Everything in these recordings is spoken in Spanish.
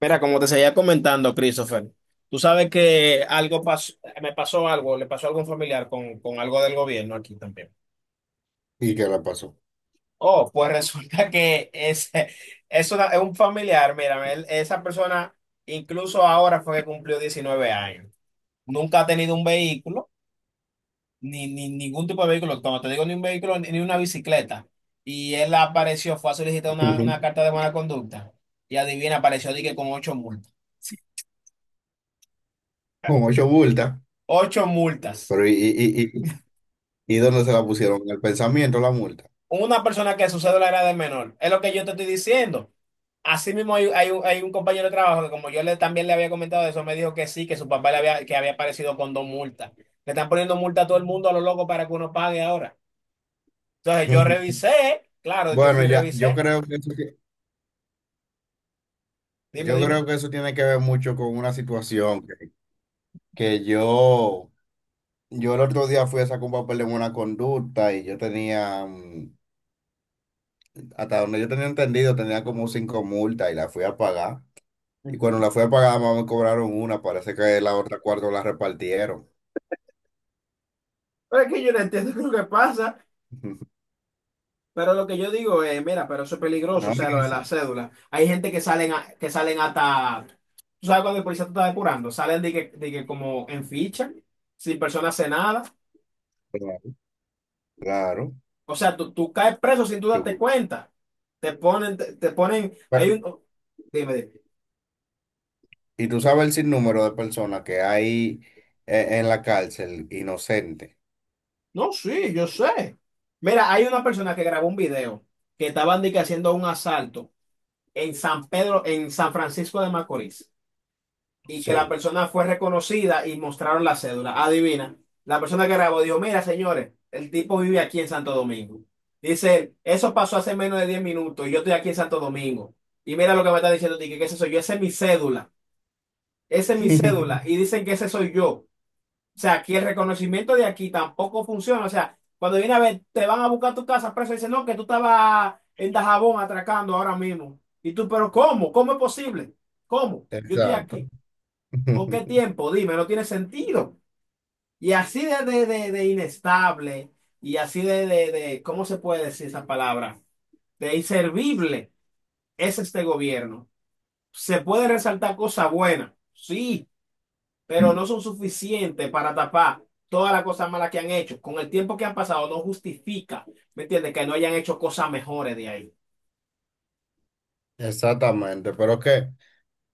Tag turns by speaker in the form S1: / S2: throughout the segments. S1: Mira, como te seguía comentando, Christopher, tú sabes que algo pasó, me pasó algo, le pasó algo a un familiar con algo del gobierno aquí también.
S2: ¿Y qué la pasó?
S1: Oh, pues resulta que es un familiar, mira, esa persona incluso ahora fue que cumplió 19 años. Nunca ha tenido un vehículo, ni ningún tipo de vehículo, cuando te digo ni un vehículo, ni una bicicleta. Y él apareció, fue a solicitar una
S2: Ujú.
S1: carta de buena conducta y adivina, apareció dije con ocho multas.
S2: Con 8 multas.
S1: Ocho multas.
S2: Pero ¿ y dónde se la pusieron? En el pensamiento la multa.
S1: Una persona que su cédula era de menor. Es lo que yo te estoy diciendo. Así mismo hay un compañero de trabajo que como yo también le había comentado eso, me dijo que sí, que su papá que había aparecido con dos multas. Le están poniendo multa a todo el mundo a lo loco para que uno pague ahora. Entonces yo revisé, claro, yo
S2: Bueno,
S1: fui y
S2: ya,
S1: revisé. Dime,
S2: yo
S1: dime.
S2: creo que eso tiene que ver mucho con una situación que yo el otro día fui a sacar un papel de una conducta y yo tenía, hasta donde yo tenía entendido, tenía como 5 multas y la fui a pagar. Y cuando
S1: Ujú.
S2: la fui a pagar, más me cobraron una, parece que la otra cuarto la repartieron.
S1: Pero es que yo no entiendo lo que pasa. Pero lo que yo digo es, mira, pero eso es peligroso, o
S2: No,
S1: sea, lo de la
S2: sí,
S1: cédula. Hay gente que salen, que salen hasta, tú sabes cuando el policía te está depurando, salen de que como en ficha, sin persona hace nada.
S2: claro, claro.
S1: O sea, tú caes preso sin tú darte
S2: Yo-
S1: cuenta. Te ponen, te ponen, hay un, dime, dime.
S2: Y tú sabes el sinnúmero de personas que hay en la cárcel inocente.
S1: No, sí, yo sé. Mira, hay una persona que grabó un video que estaban de que haciendo un asalto en San Pedro, en San Francisco de Macorís. Y que la
S2: Sí.
S1: persona fue reconocida y mostraron la cédula. Adivina, la persona que grabó dijo, mira, señores, el tipo vive aquí en Santo Domingo. Dice, él, eso pasó hace menos de 10 minutos y yo estoy aquí en Santo Domingo. Y mira lo que me está diciendo, Tique, que ese soy yo, esa es mi cédula, esa es mi cédula. Y dicen que ese soy yo. O sea, aquí el reconocimiento de aquí tampoco funciona. O sea, cuando viene a ver, te van a buscar tu casa preso y dicen, no, que tú estabas en Dajabón atracando ahora mismo. Y tú, pero ¿cómo? ¿Cómo es posible? ¿Cómo? Yo estoy
S2: Exacto.
S1: aquí. ¿Con qué tiempo? Dime, no tiene sentido. Y así de inestable y así ¿cómo se puede decir esa palabra? De inservible es este gobierno. Se puede resaltar cosas buenas, sí, pero no son suficientes para tapar todas las cosas malas que han hecho. Con el tiempo que han pasado no justifica, ¿me entiendes? Que no hayan hecho cosas mejores de ahí.
S2: Exactamente. Pero que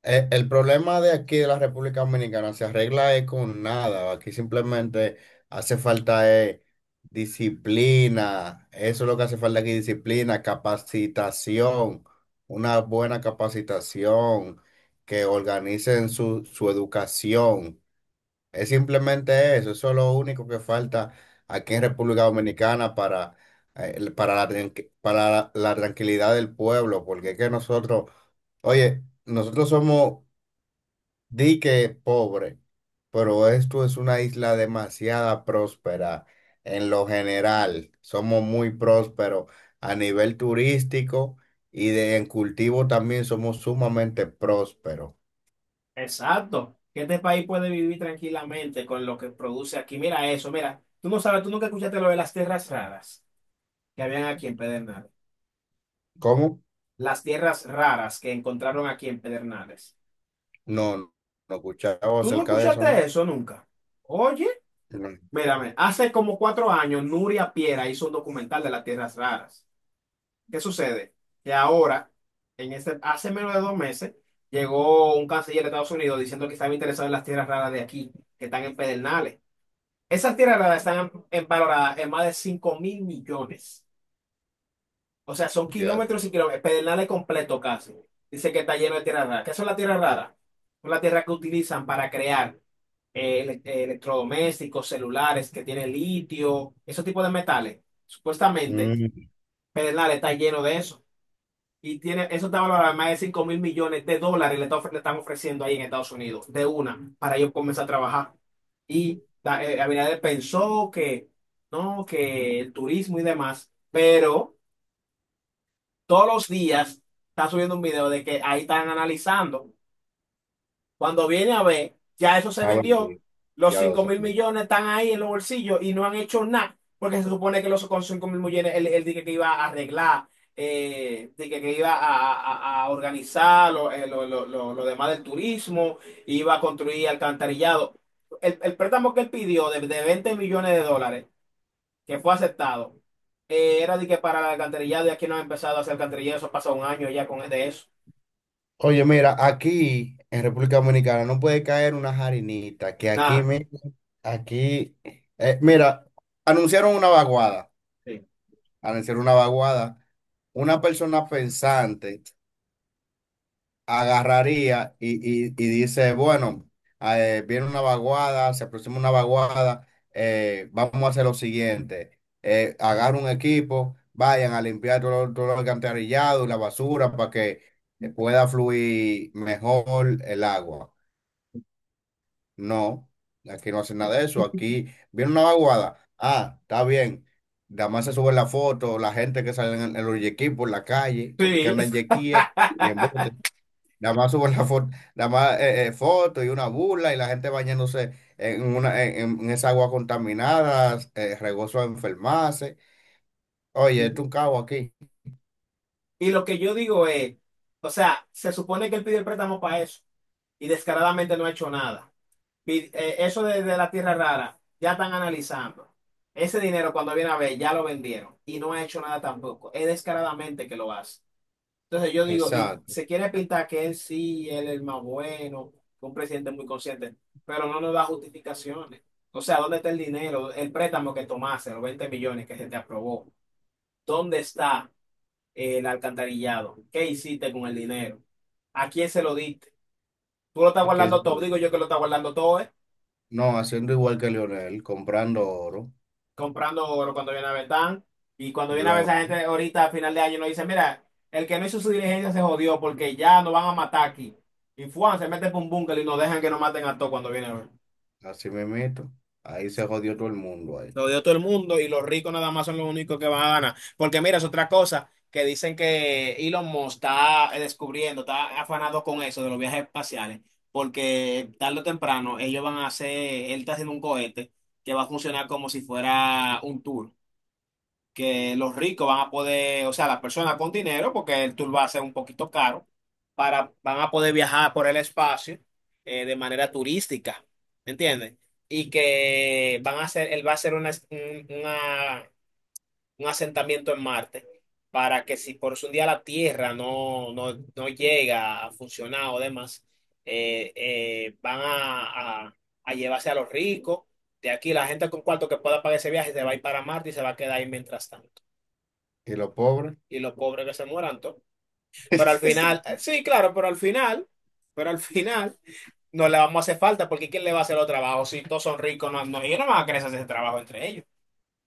S2: el problema de aquí de la República Dominicana se arregla es con nada. Aquí simplemente hace falta disciplina. Eso es lo que hace falta aquí, disciplina, capacitación, una buena capacitación, que organicen su educación. Es simplemente eso, eso es lo único que falta aquí en República Dominicana para, para la tranquilidad del pueblo, porque es que nosotros, oye, nosotros somos dique pobre, pero esto es una isla demasiada próspera en lo general, somos muy prósperos a nivel turístico en cultivo también somos sumamente prósperos.
S1: Exacto. Que este país puede vivir tranquilamente con lo que produce aquí. Mira eso, mira. Tú no sabes, tú nunca escuchaste lo de las tierras raras que habían aquí en Pedernales.
S2: ¿Cómo?
S1: Las tierras raras que encontraron aquí en Pedernales.
S2: No, no escuchaba
S1: ¿Tú no
S2: acerca de
S1: escuchaste
S2: eso,
S1: eso nunca? Oye,
S2: ¿no?
S1: mírame, hace como 4 años Nuria Piera hizo un documental de las tierras raras. ¿Qué sucede? Que ahora, en este, hace menos de 2 meses, llegó un canciller de Estados Unidos diciendo que estaba interesado en las tierras raras de aquí, que están en Pedernales. Esas tierras raras están valoradas en más de 5 mil millones. O sea, son
S2: Ya, te-
S1: kilómetros y kilómetros, Pedernales completo casi. Dice que está lleno de tierra rara. ¿Qué son las tierras raras? Son las tierras que utilizan para crear electrodomésticos, celulares, que tienen litio, esos tipos de metales. Supuestamente,
S2: Mm.
S1: Pedernales está lleno de eso. Y tiene, eso está valorado en más de 5 mil millones de dólares, le están ofreciendo ahí en Estados Unidos, de una, para ellos comenzar a trabajar. Y Abinader pensó que, no, que el turismo y demás, pero todos los días está subiendo un video de que ahí están analizando. Cuando viene a ver, ya eso se
S2: Ah, bueno,
S1: vendió, los
S2: ya lo
S1: 5 mil
S2: sabes.
S1: millones están ahí en los bolsillos y no han hecho nada, porque se supone que con 5 mil millones él dije que iba a arreglar, dije que iba a organizar lo demás del turismo, iba a construir alcantarillado. El préstamo que él pidió de 20 millones de dólares que fue aceptado. Era de que para el alcantarillado y aquí no ha empezado a hacer alcantarillado, eso pasa un año ya con de eso.
S2: Oye, mira, aquí en República Dominicana no puede caer una jarinita, que aquí,
S1: Nada.
S2: me, aquí, mira, anunciaron una vaguada,
S1: Sí.
S2: anunciaron una vaguada, una persona pensante agarraría y dice, bueno, viene una vaguada, se aproxima una vaguada, vamos a hacer lo siguiente, agarra un equipo, vayan a limpiar todo, todo el alcantarillado y la basura para que pueda fluir mejor el agua. No, aquí no hacen nada de eso, aquí viene una vaguada, ah, está bien. Nada más se sube la foto, la gente que sale en los yequis por la calle, porque que
S1: Sí.
S2: andan en yequíes y en botes. Nada más suben la foto, nada más foto y una burla y la gente bañándose en una en esa agua contaminada, regoso a enfermarse. Oye,
S1: Ujú.
S2: esto es un cabo aquí.
S1: Y lo que yo digo es, o sea, se supone que él pidió el préstamo para eso y descaradamente no ha hecho nada. Eso de la tierra rara, ya están analizando. Ese dinero cuando viene a ver, ya lo vendieron y no ha hecho nada tampoco. Es descaradamente que lo hace. Entonces yo digo, y
S2: Exacto.
S1: se quiere pintar que él sí, él es el más bueno, un presidente muy consciente, pero no nos da justificaciones. O sea, ¿dónde está el dinero? El préstamo que tomaste, los 20 millones que se te aprobó. ¿Dónde está el alcantarillado? ¿Qué hiciste con el dinero? ¿A quién se lo diste? ¿Tú lo estás
S2: Aquí es-
S1: guardando todo? Digo yo que lo estás guardando todo,
S2: no, haciendo igual que Lionel comprando oro,
S1: comprando oro cuando viene a ver tan. Y cuando viene a ver
S2: blog,
S1: esa gente ahorita a final de año nos dice, mira, el que no hizo su diligencia se jodió porque ya nos van a matar aquí. Y Fuan se mete por un búnker y nos dejan que nos maten a todos cuando viene a ver.
S2: así mismito. Ahí se jodió todo el mundo ahí.
S1: Se jodió todo el mundo y los ricos nada más son los únicos que van a ganar. Porque mira, es otra cosa que dicen que Elon Musk está descubriendo, está afanado con eso de los viajes espaciales. Porque tarde o temprano ellos van a hacer, él está haciendo un cohete que va a funcionar como si fuera un tour que los ricos van a poder, o sea, las personas con dinero, porque el tour va a ser un poquito caro, para, van a poder viajar por el espacio de manera turística, ¿me entiendes? Y que van a hacer, él va a hacer un asentamiento en Marte para que si por un día la Tierra no, no, no llega a funcionar o demás, van a llevarse a los ricos. De aquí la gente con cuarto que pueda pagar ese viaje se va a ir para Marte y se va a quedar ahí mientras tanto
S2: Y los pobres.
S1: y los pobres que se mueran todos. Pero al final, sí, claro, pero al final no le vamos a hacer falta porque ¿quién le va a hacer los trabajos? Si todos son ricos, no, no, ellos no van a querer hacer ese trabajo entre ellos.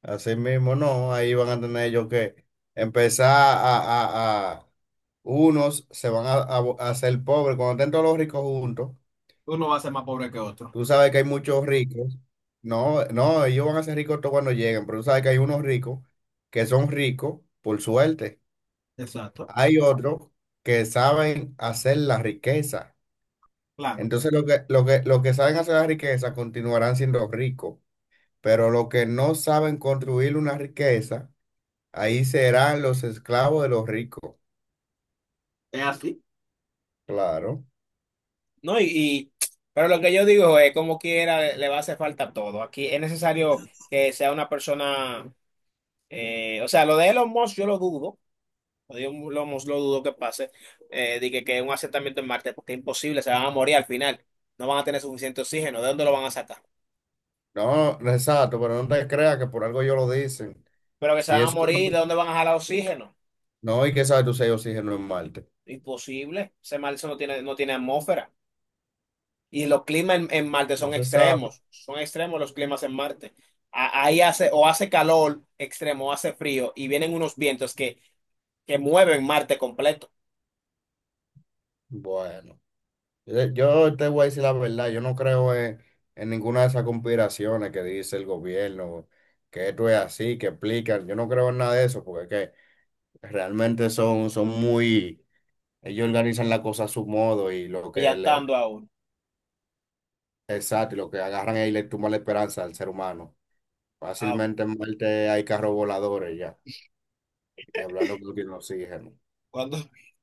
S2: Así mismo, no, ahí van a tener ellos que empezar a unos se van a, a hacer pobres cuando estén todos los ricos juntos.
S1: Uno va a ser más pobre que otro.
S2: Tú sabes que hay muchos ricos. No, no, ellos van a ser ricos todos cuando lleguen, pero tú sabes que hay unos ricos que son ricos por suerte.
S1: Exacto.
S2: Hay otros que saben hacer la riqueza.
S1: Claro.
S2: Entonces, lo que saben hacer la riqueza continuarán siendo ricos, pero los que no saben construir una riqueza, ahí serán los esclavos de los ricos.
S1: Es así.
S2: Claro.
S1: No, pero lo que yo digo es, como quiera, le va a hacer falta todo. Aquí es necesario que sea una persona, o sea, lo de Elon Musk yo lo dudo, Dios lo dudo que pase. Que un asentamiento en Marte, porque es imposible, se van a morir al final. No van a tener suficiente oxígeno. ¿De dónde lo van a sacar?
S2: No, no, exacto, pero no te creas que por algo ellos lo dicen.
S1: Pero que se
S2: Si
S1: van a
S2: eso
S1: morir, ¿de dónde van a jalar oxígeno?
S2: no, y que sabe tú si ellos siguen en Marte.
S1: Imposible. Ese Marte no tiene, no tiene atmósfera. Y los climas en Marte
S2: No
S1: son
S2: se sabe.
S1: extremos. Son extremos los climas en Marte. Ahí hace, o hace calor extremo, o hace frío, y vienen unos vientos que mueven Marte completo,
S2: Bueno, yo te voy a decir la verdad, yo no creo en ninguna de esas conspiraciones que dice el gobierno, que esto es así, que explican, yo no creo en nada de eso, porque es que realmente son muy, ellos organizan la cosa a su modo y lo que le,
S1: ellantando a uno.
S2: exacto, y lo que agarran ahí le tumba la esperanza al ser humano.
S1: Ah,
S2: Fácilmente en Marte hay carros voladores ya, y hablando con el oxígeno.
S1: cuando.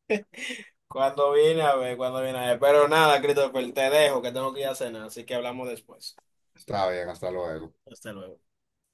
S1: Cuando viene a ver, cuando viene a ver. Pero nada, Christopher, te dejo que tengo que ir a cenar, así que hablamos después.
S2: Está bien, hasta luego.
S1: Hasta luego.